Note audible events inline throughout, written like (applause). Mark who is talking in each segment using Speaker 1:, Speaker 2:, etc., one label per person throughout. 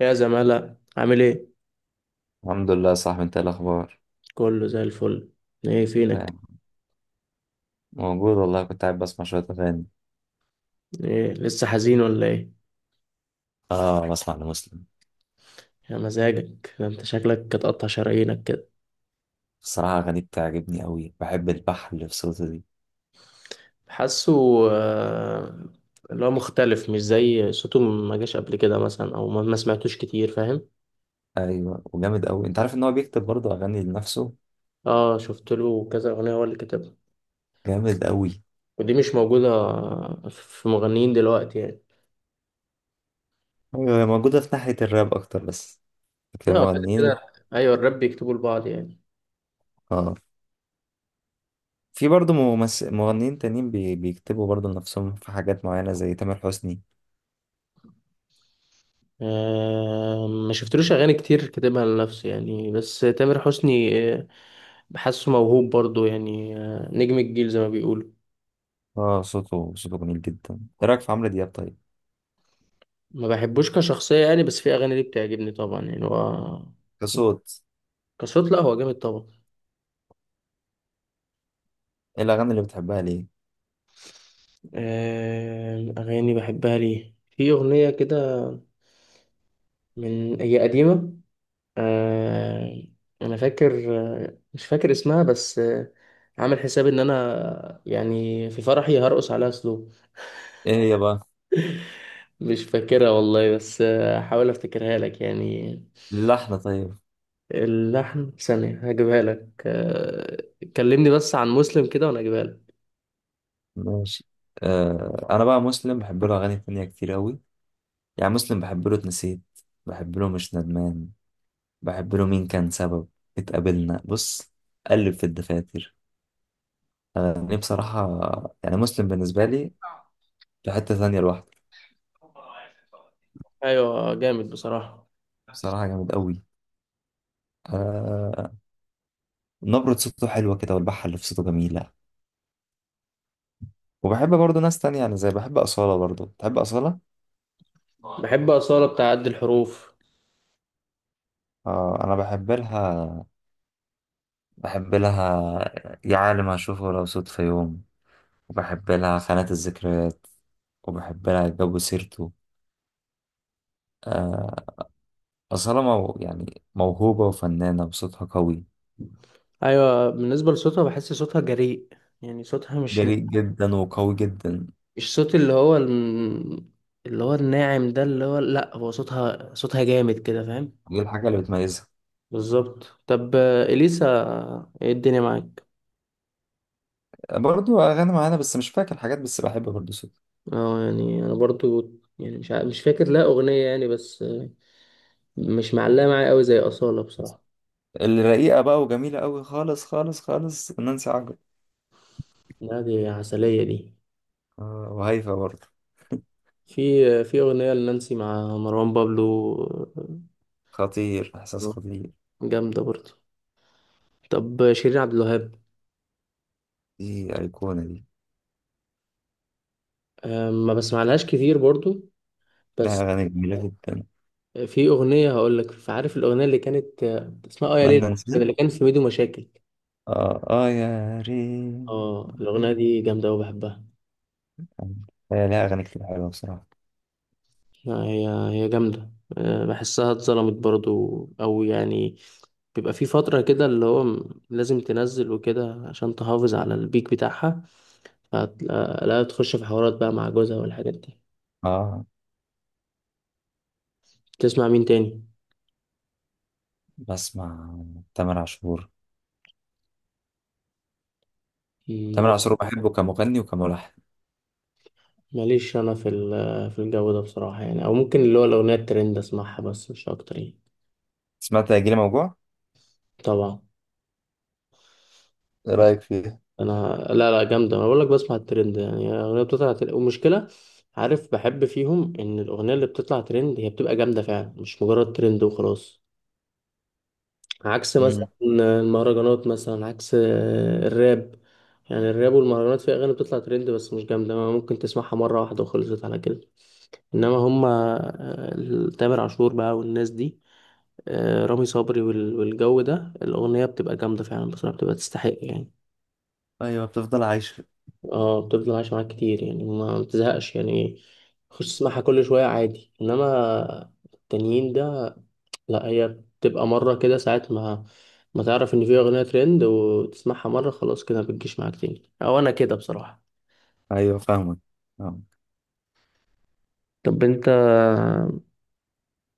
Speaker 1: يا زمالة عامل ايه؟
Speaker 2: الحمد لله يا صاحبي، انت ايه الاخبار؟
Speaker 1: كله زي الفل. ايه فينك؟
Speaker 2: تمام. موجود والله، كنت قاعد بسمع شويه اغاني.
Speaker 1: ايه لسه حزين ولا ايه؟
Speaker 2: اه بسمع لمسلم.
Speaker 1: يا مزاجك ده، انت شكلك هتقطع شرايينك كده.
Speaker 2: الصراحه اغانيه بتعجبني قوي، بحب البحر اللي في صوته دي.
Speaker 1: حاسه. آه، اللي هو مختلف، مش زي صوته ما جاش قبل كده مثلا، او ما سمعتوش كتير، فاهم؟
Speaker 2: ايوه وجامد قوي. انت عارف ان هو بيكتب برضه اغاني لنفسه؟
Speaker 1: اه، شفت له كذا اغنية هو اللي كتبها.
Speaker 2: جامد قوي.
Speaker 1: ودي مش موجودة في مغنيين دلوقتي يعني.
Speaker 2: ايوه هي موجوده في ناحيه الراب اكتر بس. لكن
Speaker 1: لا بعد
Speaker 2: المغنيين،
Speaker 1: كده، ايوه الراب بيكتبوا لبعض يعني.
Speaker 2: اه في برضه مغنيين تانيين بيكتبوا برضه لنفسهم في حاجات معينه زي تامر حسني.
Speaker 1: ما شفتلوش اغاني كتير كاتبها لنفسه يعني، بس تامر حسني بحسه موهوب برضو يعني، نجم الجيل زي ما بيقولوا.
Speaker 2: اه صوته جميل جدا. ايه رايك في عمرو دياب طيب؟
Speaker 1: ما بحبوش كشخصية يعني، بس في أغاني ليه بتعجبني طبعا يعني هو
Speaker 2: كصوت؟
Speaker 1: كصوت، لا هو جامد طبعا.
Speaker 2: ايه الاغاني اللي بتحبها ليه؟
Speaker 1: أغاني بحبها ليه، في أغنية كده من هي قديمة. آه، أنا فاكر، مش فاكر اسمها بس. عامل حساب إن أنا يعني في فرحي هرقص عليها سلو.
Speaker 2: ايه هي بقى؟
Speaker 1: مش فاكرها والله، بس هحاول أفتكرها لك يعني.
Speaker 2: اللحن طيب؟
Speaker 1: اللحن ثانية هجيبها لك. كلمني بس عن مسلم كده وأنا أجيبها لك.
Speaker 2: ماشي. آه انا بقى مسلم بحب له اغاني تانية كتير اوي. يعني مسلم بحب له اتنسيت، بحب له مش ندمان، بحب له مين كان سبب، اتقابلنا بص، قلب في الدفاتر. اغاني بصراحة. يعني مسلم بالنسبة لي في حتة تانية لوحده.
Speaker 1: أيوة جامد بصراحة.
Speaker 2: بصراحة جامد اوي. آه نبرة صوته حلوة كده، والبحة اللي في صوته جميلة. وبحب برضه ناس تانية، يعني زي بحب أصالة. برضه تحب أصالة؟
Speaker 1: بحب أصالة بتاع قد الحروف.
Speaker 2: آه أنا بحب لها. بحب لها يا عالم هشوفه لو صدفة يوم، وبحب لها خانات الذكريات، وبحب لها جو سيرته. آه، أصالة مو يعني موهوبة وفنانة وصوتها قوي.
Speaker 1: أيوة، بالنسبة لصوتها بحس صوتها جريء، يعني صوتها مش،
Speaker 2: جريء جدا وقوي جدا.
Speaker 1: مش صوت اللي هو اللي هو الناعم ده، اللي هو لأ، هو صوتها صوتها جامد كده، فاهم.
Speaker 2: دي الحاجة اللي بتميزها.
Speaker 1: بالظبط. طب إليسا، إيه الدنيا معاك؟
Speaker 2: برضو أغاني معانا، بس مش فاكر حاجات، بس بحب برضو صوتها.
Speaker 1: اه يعني أنا برضو، يعني مش مش فاكر لها أغنية يعني، بس مش معلقة معايا قوي زي أصالة بصراحة.
Speaker 2: الرقيقة بقى وجميلة قوي خالص خالص خالص، نانسي عجرم.
Speaker 1: لا دي عسلية دي.
Speaker 2: وهيفا برضو.
Speaker 1: في في أغنية لنانسي مع مروان بابلو،
Speaker 2: خطير، إحساس
Speaker 1: آه،
Speaker 2: خطير.
Speaker 1: جامدة برضو. طب شيرين عبد الوهاب،
Speaker 2: دي أيقونة دي.
Speaker 1: ما بسمعلهاش كتير برضو،
Speaker 2: لها
Speaker 1: بس
Speaker 2: أغاني جميلة جدا.
Speaker 1: في أغنية هقولك، عارف الأغنية اللي كانت اسمها آه يا ليل،
Speaker 2: أتمنى، نسيت.
Speaker 1: اللي كانت في ميدو مشاكل.
Speaker 2: آه آه يا ريت.
Speaker 1: اه الأغنية دي جامدة أوي بحبها.
Speaker 2: هي لها أغاني كتير حلوة بصراحة.
Speaker 1: لا هي، هي جامدة. أه، بحسها اتظلمت برضو أو يعني بيبقى في فترة كده اللي هو لازم تنزل وكده عشان تحافظ على البيك بتاعها. فهتلاقي- لا تخش في حوارات بقى مع جوزها والحاجات دي.
Speaker 2: آه
Speaker 1: تسمع مين تاني؟
Speaker 2: بسمع تامر عاشور. تامر
Speaker 1: م-
Speaker 2: عاشور بحبه كمغني وكملحن.
Speaker 1: ماليش أنا في في الجو ده بصراحة يعني، أو ممكن اللي هو الأغنية الترند أسمعها بس مش أكتر يعني.
Speaker 2: سمعت هيجيلي موجوع؟
Speaker 1: طبعا.
Speaker 2: ايه رايك فيها؟
Speaker 1: انا لا لا جامده، انا بقول لك بسمع الترند، يعني الاغنيه بتطلع ترند ومشكله. عارف بحب فيهم ان الاغنيه اللي بتطلع ترند هي بتبقى جامده فعلا، مش مجرد ترند وخلاص. عكس مثلا
Speaker 2: مم.
Speaker 1: المهرجانات، مثلا عكس الراب. يعني الراب والمهرجانات في اغاني بتطلع ترند بس مش جامده، ما ممكن تسمعها مره واحده وخلصت على كده. انما هما، تامر عاشور بقى والناس دي، رامي صبري والجو ده الاغنيه بتبقى جامده فعلا بصراحه، بتبقى تستحق يعني.
Speaker 2: أيوة بتفضل عايشة.
Speaker 1: اه بتفضل عايشة معاك كتير يعني، ما بتزهقش يعني، خش تسمعها كل شوية عادي. انما التانيين ده، لا هي بتبقى مرة كده، ساعة ما ما تعرف ان في اغنية ترند وتسمعها مرة خلاص، كده ما بتجيش معاك تاني، او انا كده بصراحة.
Speaker 2: أيوة فاهمك. فاهمك.
Speaker 1: طب انت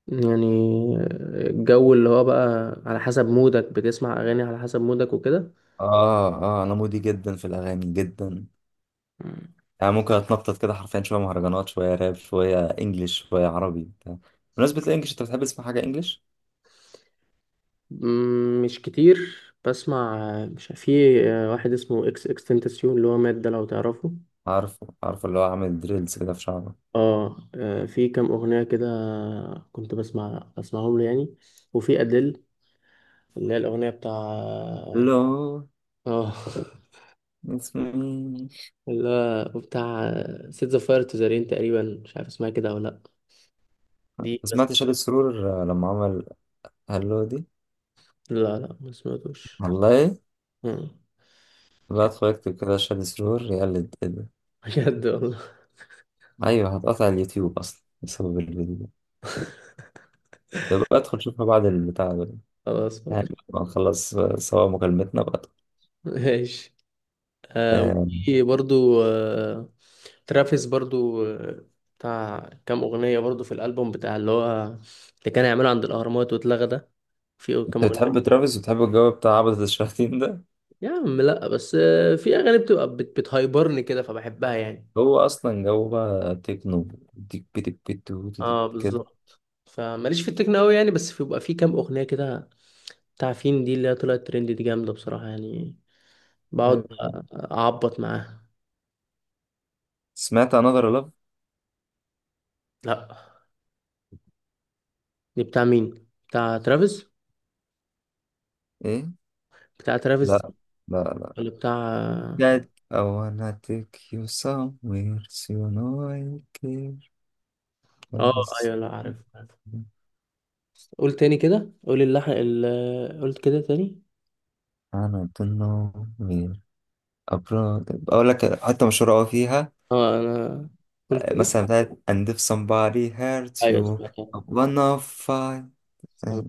Speaker 1: يعني الجو اللي هو بقى على حسب مودك، بتسمع اغاني على حسب مودك وكده.
Speaker 2: آه آه أنا مودي جدا في الأغاني جدا. يعني ممكن أتنطط كده حرفيا، شوية مهرجانات شوية راب شوية إنجليش شوية عربي بتاع. بمناسبة الإنجليش، أنت بتحب تسمع حاجة إنجليش؟
Speaker 1: مش كتير. بسمع، مش في واحد اسمه اكس اكس تنتاسيون اللي هو مات ده، لو تعرفه؟
Speaker 2: عارفه عارفه، اللي هو عامل دريلز كده في شعره.
Speaker 1: اه، في كام اغنيه كده كنت بسمعهم له يعني. وفي ادل اللي هي الاغنيه بتاع،
Speaker 2: لو
Speaker 1: اه،
Speaker 2: اسمي.
Speaker 1: (laughs) اللي هو بتاع سيت ذا فاير تو ذا رين تقريبا، مش عارف اسمها كده ولا لا. دي بس.
Speaker 2: سمعت شادي سرور لما عمل هلو دي؟
Speaker 1: لا لا ما سمعتوش.
Speaker 2: والله؟
Speaker 1: آه،
Speaker 2: بقى
Speaker 1: ك-
Speaker 2: اتفرجت كده شاد سرور يقلد كده.
Speaker 1: (laughs) بجد والله.
Speaker 2: ايوه هتقطع اليوتيوب اصلا بسبب الفيديو ده. طب بقى ادخل شوفها بعد البتاع ده،
Speaker 1: خلاص
Speaker 2: يعني بعد ما نخلص سوا مكالمتنا بقى.
Speaker 1: ماشي. آه
Speaker 2: آه،
Speaker 1: وفي برضو آه، ترافيس برضو، بتاع كام اغنيه برضو في الالبوم بتاع اللي هو اللي كان هيعمله عند الاهرامات واتلغى ده. في
Speaker 2: انت
Speaker 1: كام،
Speaker 2: بتحب ترافيس وبتحب الجو بتاع عبدة الشياطين ده؟
Speaker 1: يا عم لا بس في اغاني بتبقى بتهايبرني كده فبحبها يعني.
Speaker 2: هو اصلا جو بقى تكنو. تك بيتك بيتو تك
Speaker 1: اه
Speaker 2: كده.
Speaker 1: بالظبط. فماليش في التكنو قوي يعني، بس بيبقى في كام اغنيه كده بتاع فين دي اللي هي طلعت ترند دي، جامده بصراحه يعني. بقعد
Speaker 2: أيوة.
Speaker 1: اعبط معاها.
Speaker 2: سمعت انذر لاف؟
Speaker 1: لا، دي بتاع مين؟ بتاع ترافيس؟
Speaker 2: ايه.
Speaker 1: بتاع ترافيس؟
Speaker 2: لا لا.
Speaker 1: ولا بتاع؟
Speaker 2: That I wanna take you somewhere so you know I care for
Speaker 1: اه
Speaker 2: us.
Speaker 1: ايوه، لا عارف عارف. قول تاني كده، قول اللحن ال... قلت كده تاني.
Speaker 2: أنا ضمنه مين؟ أبرار. أقول لك حتة مشهورة أوي فيها،
Speaker 1: اه انا قلت كده.
Speaker 2: مثلا بتاعت And if somebody hurt
Speaker 1: ايوه
Speaker 2: you
Speaker 1: سمعتها.
Speaker 2: I'm gonna fight. أي،
Speaker 1: سمعتها.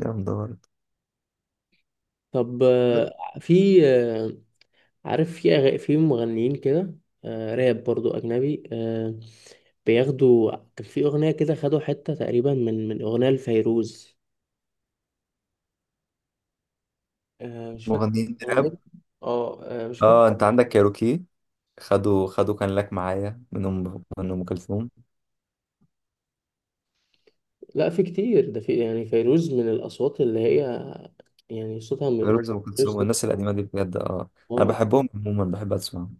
Speaker 2: جامدة برضه.
Speaker 1: طب في، عارف في أغ... في مغنيين كده آه راب برضو أجنبي آه، بياخدوا، كان في أغنية كده خدوا حتة تقريبا من أغنية لفيروز. آه مش فاكر
Speaker 2: مغنيين
Speaker 1: أغنية.
Speaker 2: راب.
Speaker 1: اه مش فاكر.
Speaker 2: اه انت عندك كايروكي، خدوا كان لك معايا منهم من ام كلثوم.
Speaker 1: لا في كتير ده، في يعني فيروز من الأصوات اللي هي يعني صوتها م... م-.
Speaker 2: فيروز ام كلثوم
Speaker 1: فيروز
Speaker 2: والناس
Speaker 1: ده
Speaker 2: القديمه دي بجد. اه انا
Speaker 1: اه
Speaker 2: بحبهم عموما، بحب اسمعهم.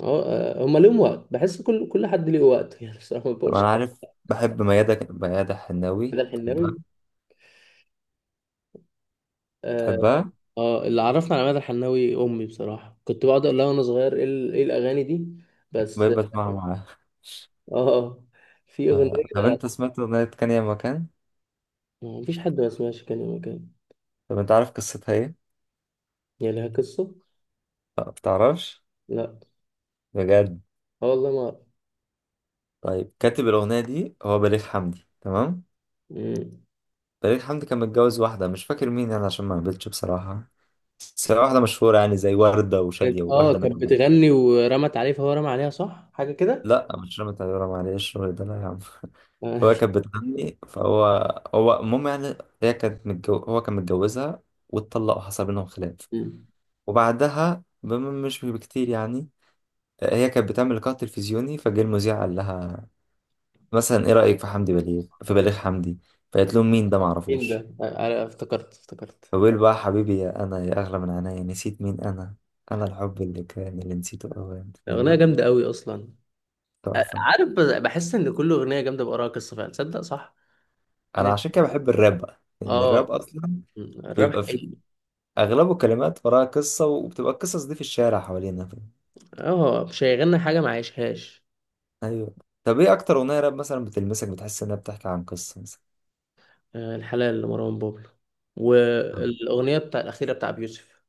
Speaker 1: اه، هما ليهم وقت، بحس كل حد ليه وقت (laughs) يعني بصراحة ما
Speaker 2: طب
Speaker 1: بقولش.
Speaker 2: انا عارف بحب ميادة، ميادة حناوي
Speaker 1: ده
Speaker 2: تحبها؟
Speaker 1: الحناوي، آه،
Speaker 2: تحبها؟
Speaker 1: اه اللي عرفنا على مدى الحناوي امي بصراحه، كنت بقعد اقول لها وانا صغير ايه إيه الاغاني دي، بس
Speaker 2: بحب اسمعها معاها.
Speaker 1: اه اه. في
Speaker 2: آه. طب
Speaker 1: اغنيه،
Speaker 2: انت سمعت اغنيه كان يا مكان؟
Speaker 1: مفيش حد ما سمعش كان مكان.
Speaker 2: طب انت عارف قصتها ايه؟
Speaker 1: هي لها قصه.
Speaker 2: لا بتعرفش؟
Speaker 1: لا.
Speaker 2: بجد؟
Speaker 1: اه والله ما.
Speaker 2: طيب كاتب الأغنية دي هو بليغ حمدي، تمام؟
Speaker 1: مم.
Speaker 2: بليغ حمدي كان متجوز واحدة، مش فاكر مين يعني عشان ما قابلتش بصراحة، بس هي واحدة مشهورة يعني زي وردة
Speaker 1: كانت-
Speaker 2: وشادية
Speaker 1: اه
Speaker 2: وواحدة من
Speaker 1: كانت
Speaker 2: دول.
Speaker 1: بتغني ورمت عليه، فهو رمى عليها، صح، حاجه كده.
Speaker 2: لا مش رامي طيارة، معلش الشغل ده لا يا عم (laughs)
Speaker 1: (laughs)
Speaker 2: هو
Speaker 1: آه.
Speaker 2: كانت بتغني فهو، هو المهم يعني. هو كان متجوزها واتطلقوا، حصل بينهم خلاف.
Speaker 1: مم.
Speaker 2: مش بكتير يعني، هي كانت بتعمل لقاء تلفزيوني فجه المذيع قال لها مثلا ايه رأيك في حمدي بليغ، في بليغ حمدي. فقالت لهم مين ده،
Speaker 1: مين
Speaker 2: معرفوش.
Speaker 1: ده؟ افتكرت افتكرت.
Speaker 2: فبيقول بقى، حبيبي يا انا يا اغلى من عينيا نسيت مين انا. انا الحب اللي كان اللي نسيته اوان
Speaker 1: اغنيه
Speaker 2: يعني.
Speaker 1: جامده قوي اصلا.
Speaker 2: تحفة.
Speaker 1: عارف بحس ان كل اغنيه جامده بقراها قصه فعلا، تصدق صح.
Speaker 2: انا عشان
Speaker 1: إن-
Speaker 2: كده بحب الراب بقى لان الراب
Speaker 1: اه.
Speaker 2: اصلا
Speaker 1: مم. الراب
Speaker 2: بيبقى فيه
Speaker 1: حقيقي.
Speaker 2: اغلبه كلمات وراها قصة، وبتبقى القصص دي في الشارع حوالينا، فاهم؟
Speaker 1: اه مش هيغني حاجه ما عايشهاش.
Speaker 2: ايوه. طب ايه اكتر اغنية راب مثلا بتلمسك بتحس انها بتحكي عن قصة مثلا؟
Speaker 1: الحلال لمروان بابلو، والاغنيه بتاع الاخيره بتاع بيوسف.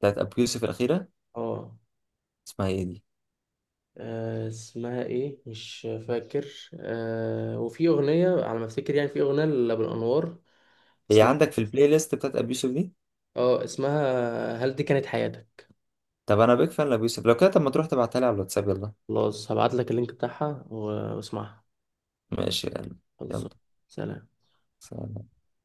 Speaker 2: بتاعت ابو يوسف الاخيرة.
Speaker 1: اه
Speaker 2: اسمها ايه دي؟
Speaker 1: اسمها ايه مش فاكر، وفي اغنيه على ما افتكر يعني، في اغنيه لابو الانوار
Speaker 2: هي
Speaker 1: اسمها،
Speaker 2: عندك في البلاي ليست بتاعت ابو يوسف دي.
Speaker 1: اه اسمها هل دي كانت حياتك.
Speaker 2: طب انا بيك فان لابو يوسف لو كده، طب ما تروح تبعتها لي على الواتساب، يلا.
Speaker 1: خلاص هبعت لك اللينك بتاعها واسمعها.
Speaker 2: ماشي يا قلبي.
Speaker 1: خلاص.
Speaker 2: يلا.
Speaker 1: سلام.
Speaker 2: سلام.